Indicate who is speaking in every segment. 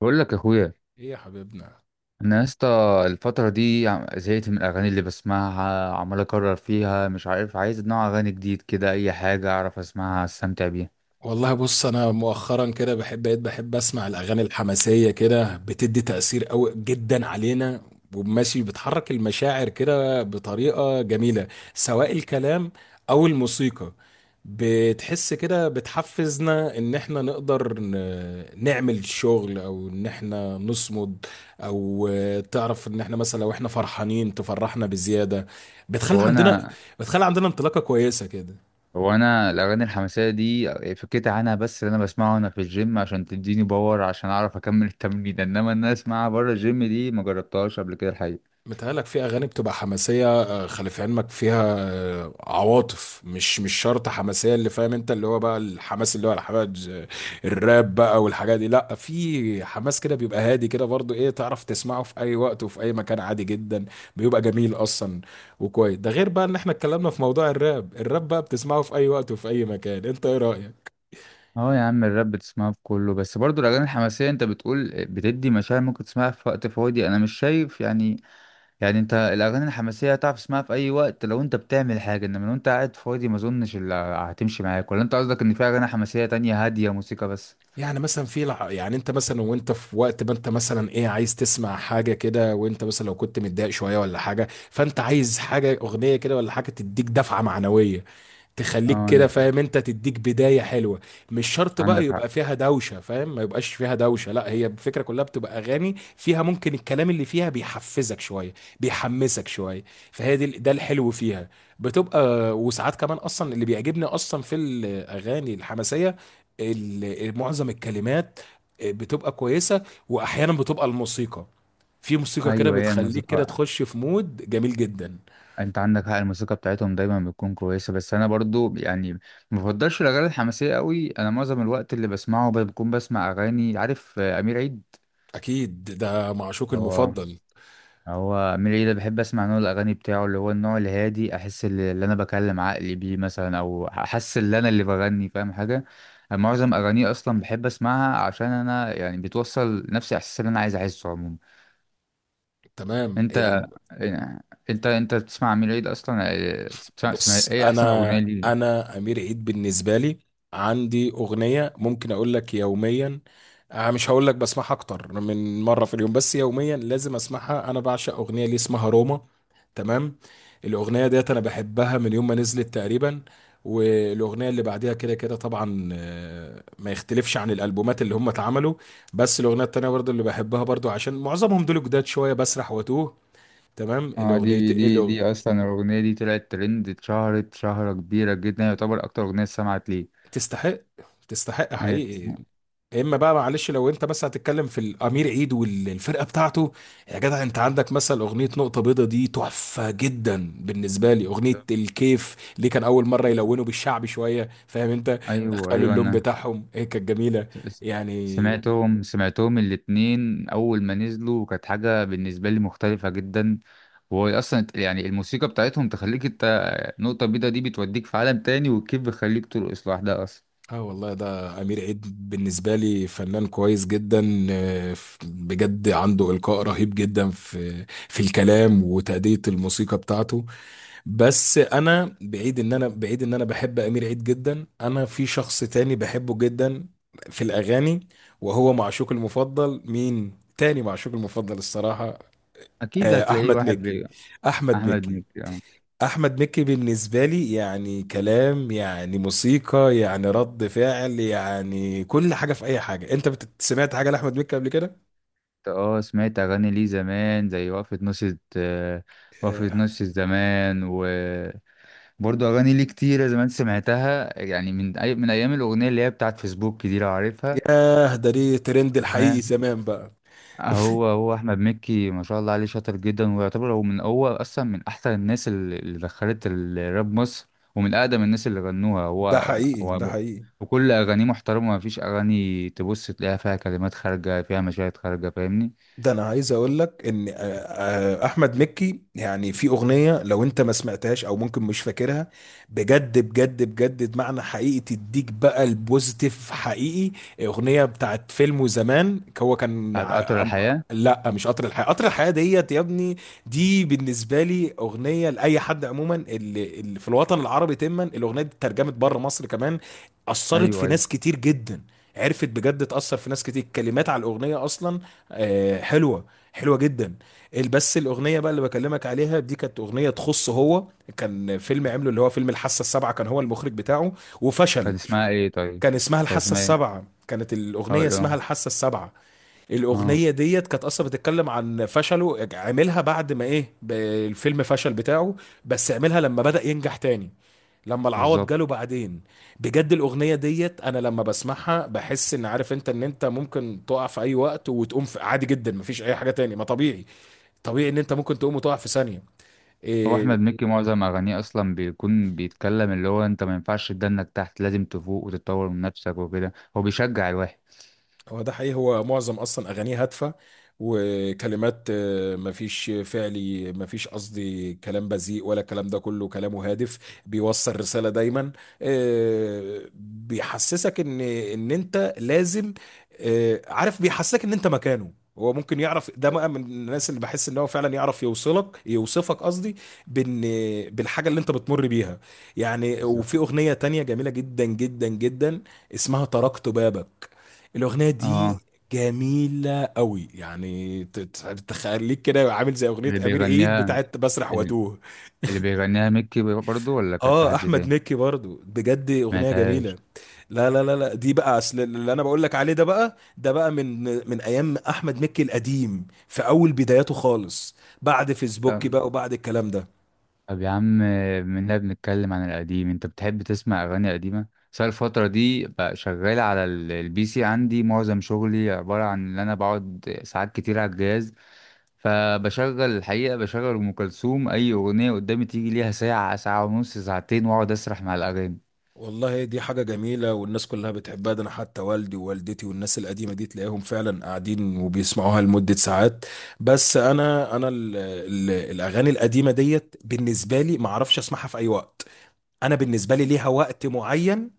Speaker 1: بقول لك يا اخويا،
Speaker 2: ايه يا حبيبنا.
Speaker 1: انا يا اسطى الفتره دي زهقت من الاغاني اللي بسمعها، عمال اكرر فيها، مش عارف، عايز نوع اغاني جديد كده، اي حاجه اعرف اسمعها استمتع بيها.
Speaker 2: والله بص، انا مؤخرا كده بقيت بحب اسمع الاغاني الحماسيه كده، بتدي تاثير قوي جدا علينا وماشي، بتحرك المشاعر كده بطريقه جميله، سواء الكلام او الموسيقى. بتحس كده بتحفزنا ان احنا نقدر نعمل شغل او ان احنا نصمد، او تعرف ان احنا مثلا لو احنا فرحانين تفرحنا بزياده، بتخلي
Speaker 1: هو
Speaker 2: عندنا،
Speaker 1: انا
Speaker 2: انطلاقه كويسه كده.
Speaker 1: هو انا الاغاني الحماسيه دي فكيت عنها، بس اللي انا بسمعه انا في الجيم عشان تديني باور عشان اعرف اكمل التمرين، انما ان انا اسمعها بره الجيم دي ما جربتهاش قبل كده الحقيقه.
Speaker 2: متهيألك في أغاني بتبقى حماسية، خلي في علمك فيها عواطف، مش شرط حماسية، اللي فاهم أنت اللي هو بقى الحماس، اللي هو الحماس. الراب بقى والحاجات دي لأ، في حماس كده بيبقى هادي كده برضو، إيه، تعرف تسمعه في أي وقت وفي أي مكان عادي جدا، بيبقى جميل أصلا. وكويس، ده غير بقى إن إحنا اتكلمنا في موضوع الراب. الراب بقى بتسمعه في أي وقت وفي أي مكان. أنت إيه رأيك؟
Speaker 1: اه يا عم الراب بتسمعها في كله، بس برضو الاغاني الحماسيه انت بتقول بتدي مشاعر، ممكن تسمعها في وقت فاضي، انا مش شايف يعني. يعني انت الاغاني الحماسيه هتعرف تسمعها في اي وقت لو انت بتعمل حاجه، انما لو انت قاعد فاضي ما اظنش اللي هتمشي معاك، ولا انت قصدك ان في اغاني حماسيه تانية هاديه موسيقى بس؟
Speaker 2: يعني مثلا في يعني انت مثلا وانت في وقت، ما انت مثلا ايه، عايز تسمع حاجه كده، وانت مثلا لو كنت متضايق شويه ولا حاجه، فانت عايز حاجه، اغنيه كده ولا حاجه، تديك دفعه معنويه تخليك
Speaker 1: اه انا
Speaker 2: كده،
Speaker 1: فاهم.
Speaker 2: فاهم انت، تديك بداية حلوة. مش شرط بقى
Speaker 1: عندك حق.
Speaker 2: يبقى فيها دوشة، فاهم، ما يبقاش فيها دوشة لا، هي الفكرة كلها بتبقى اغاني فيها ممكن الكلام اللي فيها بيحفزك شوية، بيحمسك شوية، فهي دي، ده الحلو فيها. بتبقى، وساعات كمان اصلا اللي بيعجبني اصلا في الاغاني الحماسية معظم الكلمات بتبقى كويسة، واحيانا بتبقى الموسيقى، في موسيقى كده
Speaker 1: ايوه هي
Speaker 2: بتخليك كده
Speaker 1: الموسيقى،
Speaker 2: تخش في مود جميل جدا.
Speaker 1: انت عندك حق، الموسيقى بتاعتهم دايما بتكون كويسه، بس انا برضو يعني ما بفضلش الاغاني الحماسيه قوي. انا معظم الوقت اللي بسمعه بكون بسمع اغاني، عارف امير عيد.
Speaker 2: اكيد، ده معشوق
Speaker 1: هو.
Speaker 2: المفضل.
Speaker 1: هو ميلي ده بحب اسمع نوع الاغاني بتاعه، اللي هو النوع الهادي، احس اللي انا بكلم عقلي بيه مثلا، او احس ان انا اللي بغني، فاهم حاجه؟ معظم اغانيه اصلا بحب اسمعها عشان انا يعني بتوصل نفس الاحساس اللي انا عايز احسه عموما.
Speaker 2: تمام.
Speaker 1: انت،
Speaker 2: يعني
Speaker 1: يعني، انت بتسمع ميلي ده اصلا بتسمع
Speaker 2: بص،
Speaker 1: ايه احسن اغنيه
Speaker 2: انا
Speaker 1: ليه؟
Speaker 2: انا امير عيد بالنسبه لي عندي اغنيه ممكن اقول لك يوميا. مش هقول لك بسمعها اكتر من مره في اليوم، بس يوميا لازم اسمعها. انا بعشق اغنيه ليه اسمها روما. تمام. الاغنيه ديت انا بحبها من يوم ما نزلت تقريبا، والاغنيه اللي بعديها كده كده طبعا، ما يختلفش عن الالبومات اللي هم اتعملوا. بس الاغنيه التانيه برضو اللي بحبها برضو، عشان معظمهم دول جداد شويه، بسرح واتوه. تمام
Speaker 1: اه
Speaker 2: الاغنيه.
Speaker 1: دي اصلا الاغنيه دي طلعت ترند، اتشهرت شهره كبيره جدا، يعتبر اكتر اغنيه سمعت ليه.
Speaker 2: تستحق، تستحق
Speaker 1: إيه،
Speaker 2: حقيقي. يا اما بقى معلش لو انت بس هتتكلم في الامير عيد والفرقه بتاعته، يا جدع انت عندك مثلا اغنيه نقطه بيضه دي، تحفه جدا بالنسبه لي. اغنيه الكيف اللي كان اول مره يلونوا بالشعبي شويه، فاهم انت،
Speaker 1: ايوه
Speaker 2: دخلوا
Speaker 1: ايوه
Speaker 2: اللون
Speaker 1: انا
Speaker 2: بتاعهم، هي كانت جميله
Speaker 1: س-
Speaker 2: يعني.
Speaker 1: سمعتهم، سمعتهم الاتنين أول ما نزلوا، وكانت حاجة بالنسبة لي مختلفة جدا. وهو أصلا يعني الموسيقى بتاعتهم تخليك أنت، نقطة بيضة دي بتوديك في عالم تاني، والكيف بيخليك ترقص لوحدها أصلا.
Speaker 2: اه والله، ده امير عيد بالنسبه لي فنان كويس جدا، بجد عنده القاء رهيب جدا في الكلام وتأدية الموسيقى بتاعته. بس انا بعيد ان انا، بعيد ان انا بحب امير عيد جدا، انا في شخص تاني بحبه جدا في الاغاني، وهو معشوق المفضل. مين تاني معشوق المفضل الصراحة؟
Speaker 1: أكيد هتلاقيه
Speaker 2: احمد
Speaker 1: واحد
Speaker 2: مكي،
Speaker 1: بي...
Speaker 2: احمد
Speaker 1: أحمد
Speaker 2: مكي.
Speaker 1: مكي أه.
Speaker 2: احمد مكي بالنسبة لي يعني كلام، يعني موسيقى، يعني رد فعل، يعني كل حاجة في اي حاجة. انت سمعت حاجة لاحمد مكي قبل كده؟
Speaker 1: أنت أه، سمعت أغاني ليه زمان زي وقفة نص، آه، وقفة
Speaker 2: آه،
Speaker 1: نص الزمان وبرضه أغاني ليه كتيرة زمان سمعتها، يعني من أي... من أيام الأغنية اللي هي بتاعت فيسبوك دي لو عارفها.
Speaker 2: ياه، ده ليه ترند الحقيقي زمان بقى.
Speaker 1: هو احمد مكي ما شاء الله عليه شاطر جدا، ويعتبر هو من، هو اصلا من احسن الناس اللي دخلت الراب مصر، ومن اقدم الناس اللي غنوها
Speaker 2: ده
Speaker 1: هو.
Speaker 2: حقيقي، ده
Speaker 1: هو،
Speaker 2: حقيقي.
Speaker 1: وكل اغانيه محترمه، ما فيش اغاني تبص تلاقيها فيها كلمات خارجه فيها مشاهد خارجه، فاهمني؟
Speaker 2: ده انا عايز اقول لك ان احمد مكي يعني في اغنيه، لو انت ما سمعتهاش او ممكن مش فاكرها، بجد بجد بجد معنى حقيقي تديك بقى البوزيتيف حقيقي. اغنيه بتاعت فيلم زمان، هو كان
Speaker 1: بتاعت قطر الحياه.
Speaker 2: لا مش قطر الحياه، قطر الحياه ديت يا ابني. دي بالنسبه لي اغنيه لاي حد عموما اللي في الوطن العربي. تما الاغنيه دي اترجمت بره مصر كمان، اثرت
Speaker 1: ايوه
Speaker 2: في
Speaker 1: ايوه.
Speaker 2: ناس كتير جدا، عرفت بجد تأثر في ناس كتير. الكلمات على الأغنية أصلا حلوه، حلوه جدا. بس الاغنيه بقى اللي بكلمك عليها دي كانت اغنيه تخصه هو. كان فيلم عمله اللي هو فيلم الحاسه السابعه، كان هو المخرج بتاعه،
Speaker 1: كان
Speaker 2: وفشل.
Speaker 1: اسمها ايه طيب؟
Speaker 2: كان اسمها
Speaker 1: كان
Speaker 2: الحاسه
Speaker 1: اسمها ايه؟
Speaker 2: السابعه، كانت الاغنيه
Speaker 1: هقول
Speaker 2: اسمها
Speaker 1: اه.
Speaker 2: الحاسه السابعه.
Speaker 1: اه
Speaker 2: الاغنيه ديت كانت اصلا بتتكلم عن فشله، عملها بعد ما ايه الفيلم فشل بتاعه، بس عملها لما بدأ ينجح تاني، لما العوض
Speaker 1: بالظبط.
Speaker 2: جاله بعدين. بجد الاغنيه ديت انا لما بسمعها بحس ان، عارف انت ان انت ممكن تقع في اي وقت وتقوم في عادي جدا، مفيش اي حاجه تاني، ما طبيعي، طبيعي ان انت ممكن تقوم وتقع في ثانيه.
Speaker 1: هو احمد
Speaker 2: إيه.
Speaker 1: مكي معظم اغانيه اصلا بيكون بيتكلم، اللي هو انت ما ينفعش تدنك تحت، لازم تفوق وتتطور من نفسك وكده، هو بيشجع الواحد.
Speaker 2: هو ده حقيقي، هو معظم اصلا اغانيه هادفه، وكلمات مفيش فعلي، مفيش قصدي كلام بذيء ولا الكلام ده كله، كلامه هادف، بيوصل رساله دايما. بيحسسك ان ان انت لازم، عارف، بيحسسك ان انت مكانه، هو ممكن يعرف ده بقى من الناس اللي بحس ان هو فعلا يعرف يوصلك، يوصفك قصدي، بان بالحاجه اللي انت بتمر بيها. يعني
Speaker 1: بالظبط.
Speaker 2: وفي اغنيه تانية جميله جدا جدا جدا، اسمها تركت بابك. الأغنية دي
Speaker 1: اه
Speaker 2: جميلة قوي، يعني تخليك كده عامل زي أغنية
Speaker 1: اللي
Speaker 2: أمير عيد
Speaker 1: بيغنيها،
Speaker 2: بتاعت بسرح واتوه.
Speaker 1: اللي بيغنيها ميكي برضو ولا كانت
Speaker 2: اه
Speaker 1: حد
Speaker 2: أحمد
Speaker 1: تاني؟
Speaker 2: مكي برضو، بجد أغنية جميلة.
Speaker 1: سمعتهاش.
Speaker 2: لا لا لا لا، دي بقى أصل اللي أنا بقول لك عليه، ده بقى من من أيام أحمد مكي القديم في أول بداياته خالص، بعد فيسبوك
Speaker 1: طب،
Speaker 2: بقى وبعد الكلام ده.
Speaker 1: طب يا عم، منها بنتكلم عن القديم، انت بتحب تسمع اغاني قديمة؟ بس أنا الفترة دي بقى شغال على البي سي، عندي معظم شغلي عبارة عن ان انا بقعد ساعات كتير على الجهاز، فبشغل الحقيقة بشغل ام كلثوم، اي اغنية قدامي تيجي ليها ساعة، ساعة ونص، ساعتين، واقعد اسرح مع الاغاني.
Speaker 2: والله دي حاجة جميلة، والناس كلها بتحبها، ده أنا حتى والدي ووالدتي والناس القديمة دي تلاقيهم فعلا قاعدين وبيسمعوها لمدة ساعات. بس أنا ال ال الأغاني القديمة ديت بالنسبة لي ما أعرفش أسمعها في أي وقت. انا بالنسبه لي ليها وقت معين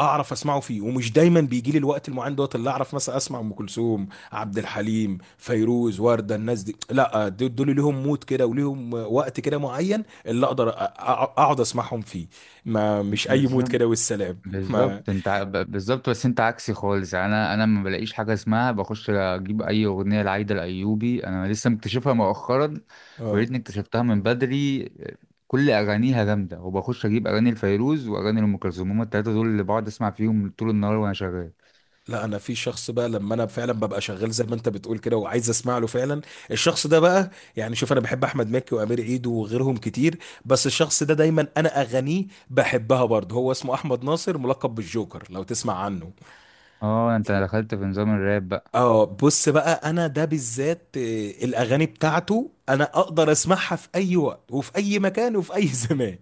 Speaker 2: اعرف اسمعه فيه، ومش دايما بيجي لي الوقت المعين دوت، اللي اعرف مثلا اسمع ام كلثوم، عبد الحليم، فيروز، ورده. الناس دي لا دول ليهم مود كده وليهم وقت كده معين اللي اقدر اقعد اسمعهم فيه، ما مش اي مود
Speaker 1: بالظبط،
Speaker 2: كده والسلام. ما
Speaker 1: بالظبط انت بالظبط، بس انت عكسي خالص يعني، انا ما بلاقيش حاجه اسمها، بخش اجيب اي اغنيه لعايده الايوبي، انا لسه مكتشفها مؤخرا، ويا
Speaker 2: آه.
Speaker 1: ريتني اكتشفتها من بدري. كل اغانيها جامده، وبخش اجيب اغاني الفيروز واغاني ام كلثوم، هما التلاته دول اللي بقعد اسمع فيهم طول النهار وانا شغال.
Speaker 2: لا انا في شخص بقى لما انا فعلا ببقى شغال زي ما انت بتقول كده، وعايز اسمع له فعلا، الشخص ده بقى، يعني شوف، انا بحب احمد مكي وامير عيد وغيرهم كتير، بس الشخص ده دايما انا اغانيه بحبها برضه، هو اسمه احمد ناصر ملقب بالجوكر لو تسمع عنه.
Speaker 1: اه انت دخلت في نظام الراب.
Speaker 2: اه، بص بقى، انا ده بالذات الاغاني بتاعته انا اقدر اسمعها في اي وقت وفي اي مكان وفي اي زمان.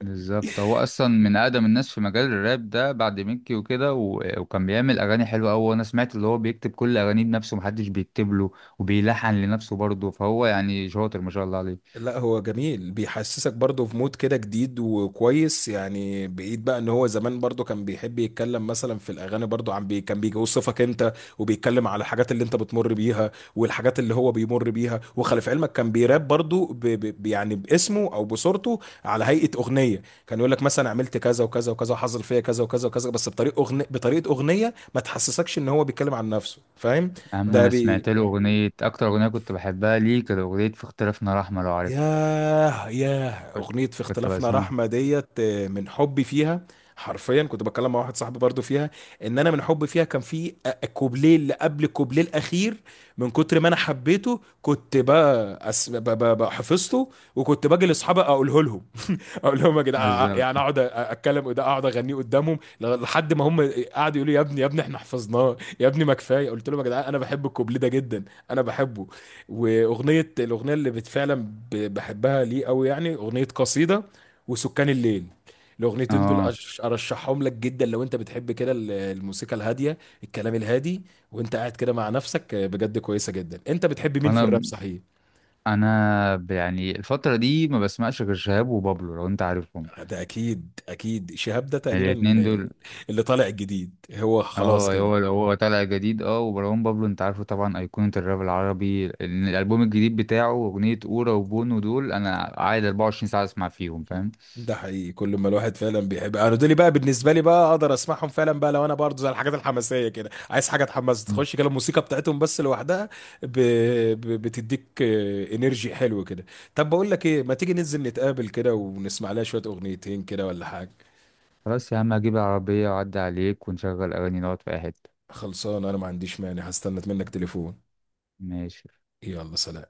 Speaker 1: بالظبط، هو اصلا من اقدم الناس في مجال الراب ده بعد ميكي وكده و... وكان بيعمل اغاني حلوه قوي، وانا سمعت اللي هو بيكتب كل اغانيه بنفسه، محدش بيكتب له، وبيلحن لنفسه برضه، فهو يعني شاطر ما شاء الله عليه.
Speaker 2: لا هو جميل، بيحسسك برضه في مود كده جديد وكويس، يعني بعيد بقى ان هو زمان برضه كان بيحب يتكلم مثلا في الاغاني برضه عن بي، كان بيوصفك انت وبيتكلم على الحاجات اللي انت بتمر بيها والحاجات اللي هو بيمر بيها. وخلي في علمك كان بيراب برضه يعني باسمه او بصورته على هيئة اغنية، كان يقول لك مثلا عملت كذا وكذا وكذا، حصل فيا كذا وكذا وكذا، بس بطريقة اغنية، بطريقة اغنية ما تحسسكش ان هو بيتكلم عن نفسه، فاهم.
Speaker 1: اما
Speaker 2: ده
Speaker 1: انا اه
Speaker 2: بي...
Speaker 1: سمعت له اغنيه، اكتر اغنيه كنت بحبها ليه كانت اغنيه في اختلافنا رحمه لو عارف.
Speaker 2: ياه، ياه،
Speaker 1: كنت،
Speaker 2: أغنية في
Speaker 1: كنت
Speaker 2: اختلافنا
Speaker 1: بسمعها.
Speaker 2: رحمة ديت، من حبي فيها. حرفيا كنت بتكلم مع واحد صاحبي برضو فيها، ان انا من حبي فيها كان في كوبليه اللي قبل الكوبليه الاخير، من كتر ما انا حبيته كنت بقى أس... ب... ب... ب- حفظته، وكنت باجي لاصحابي اقوله لهم، اقول لهم يا جدعان، يعني
Speaker 1: بالظبط.
Speaker 2: اقعد اتكلم ده، اقعد اغنيه قدامهم لحد ما هم قعدوا يقولوا لي يا ابني، يا ابني احنا حفظناه يا ابني ما كفايه، قلت لهم يا جدعان انا بحب الكوبليه ده جدا، انا بحبه. واغنيه الاغنيه اللي فعلا بحبها ليه قوي يعني، اغنيه قصيده، وسكان الليل، الاغنيتين دول
Speaker 1: اه
Speaker 2: ارشحهم لك جدا لو انت بتحب كده الموسيقى الهاديه، الكلام الهادي، وانت قاعد كده مع نفسك. بجد كويسه جدا. انت بتحب مين في الراب
Speaker 1: انا
Speaker 2: صحيح؟
Speaker 1: انا ب- يعني الفتره دي ما بسمعش غير شهاب وبابلو لو انت عارفهم،
Speaker 2: ده اكيد، اكيد شهاب ده تقريبا
Speaker 1: الاتنين دول.
Speaker 2: اللي طالع الجديد هو، خلاص
Speaker 1: اه
Speaker 2: كده.
Speaker 1: هو طالع جديد اه، ومروان بابلو انت عارفه طبعا، ايقونة الراب العربي، الالبوم الجديد بتاعه اغنية اورا وبونو، دول انا قاعد 24 ساعة اسمع فيهم فاهم.
Speaker 2: ده حقيقي، كل ما الواحد فعلا بيحب، انا دول بقى بالنسبه لي بقى اقدر اسمعهم فعلا بقى لو انا برضه زي الحاجات الحماسيه كده، عايز حاجه تحمس،
Speaker 1: مم.
Speaker 2: تخش كده الموسيقى بتاعتهم بس لوحدها ب... بتديك انرجي حلو كده. طب بقول لك ايه، ما تيجي ننزل نتقابل كده ونسمع لها شويه اغنيتين كده ولا حاجه؟
Speaker 1: خلاص يا عم هجيب العربية واعدي عليك، ونشغل اغاني نقعد في اي حتة.
Speaker 2: خلصان، انا ما عنديش مانع، هستنى منك تليفون.
Speaker 1: ماشي.
Speaker 2: يلا سلام.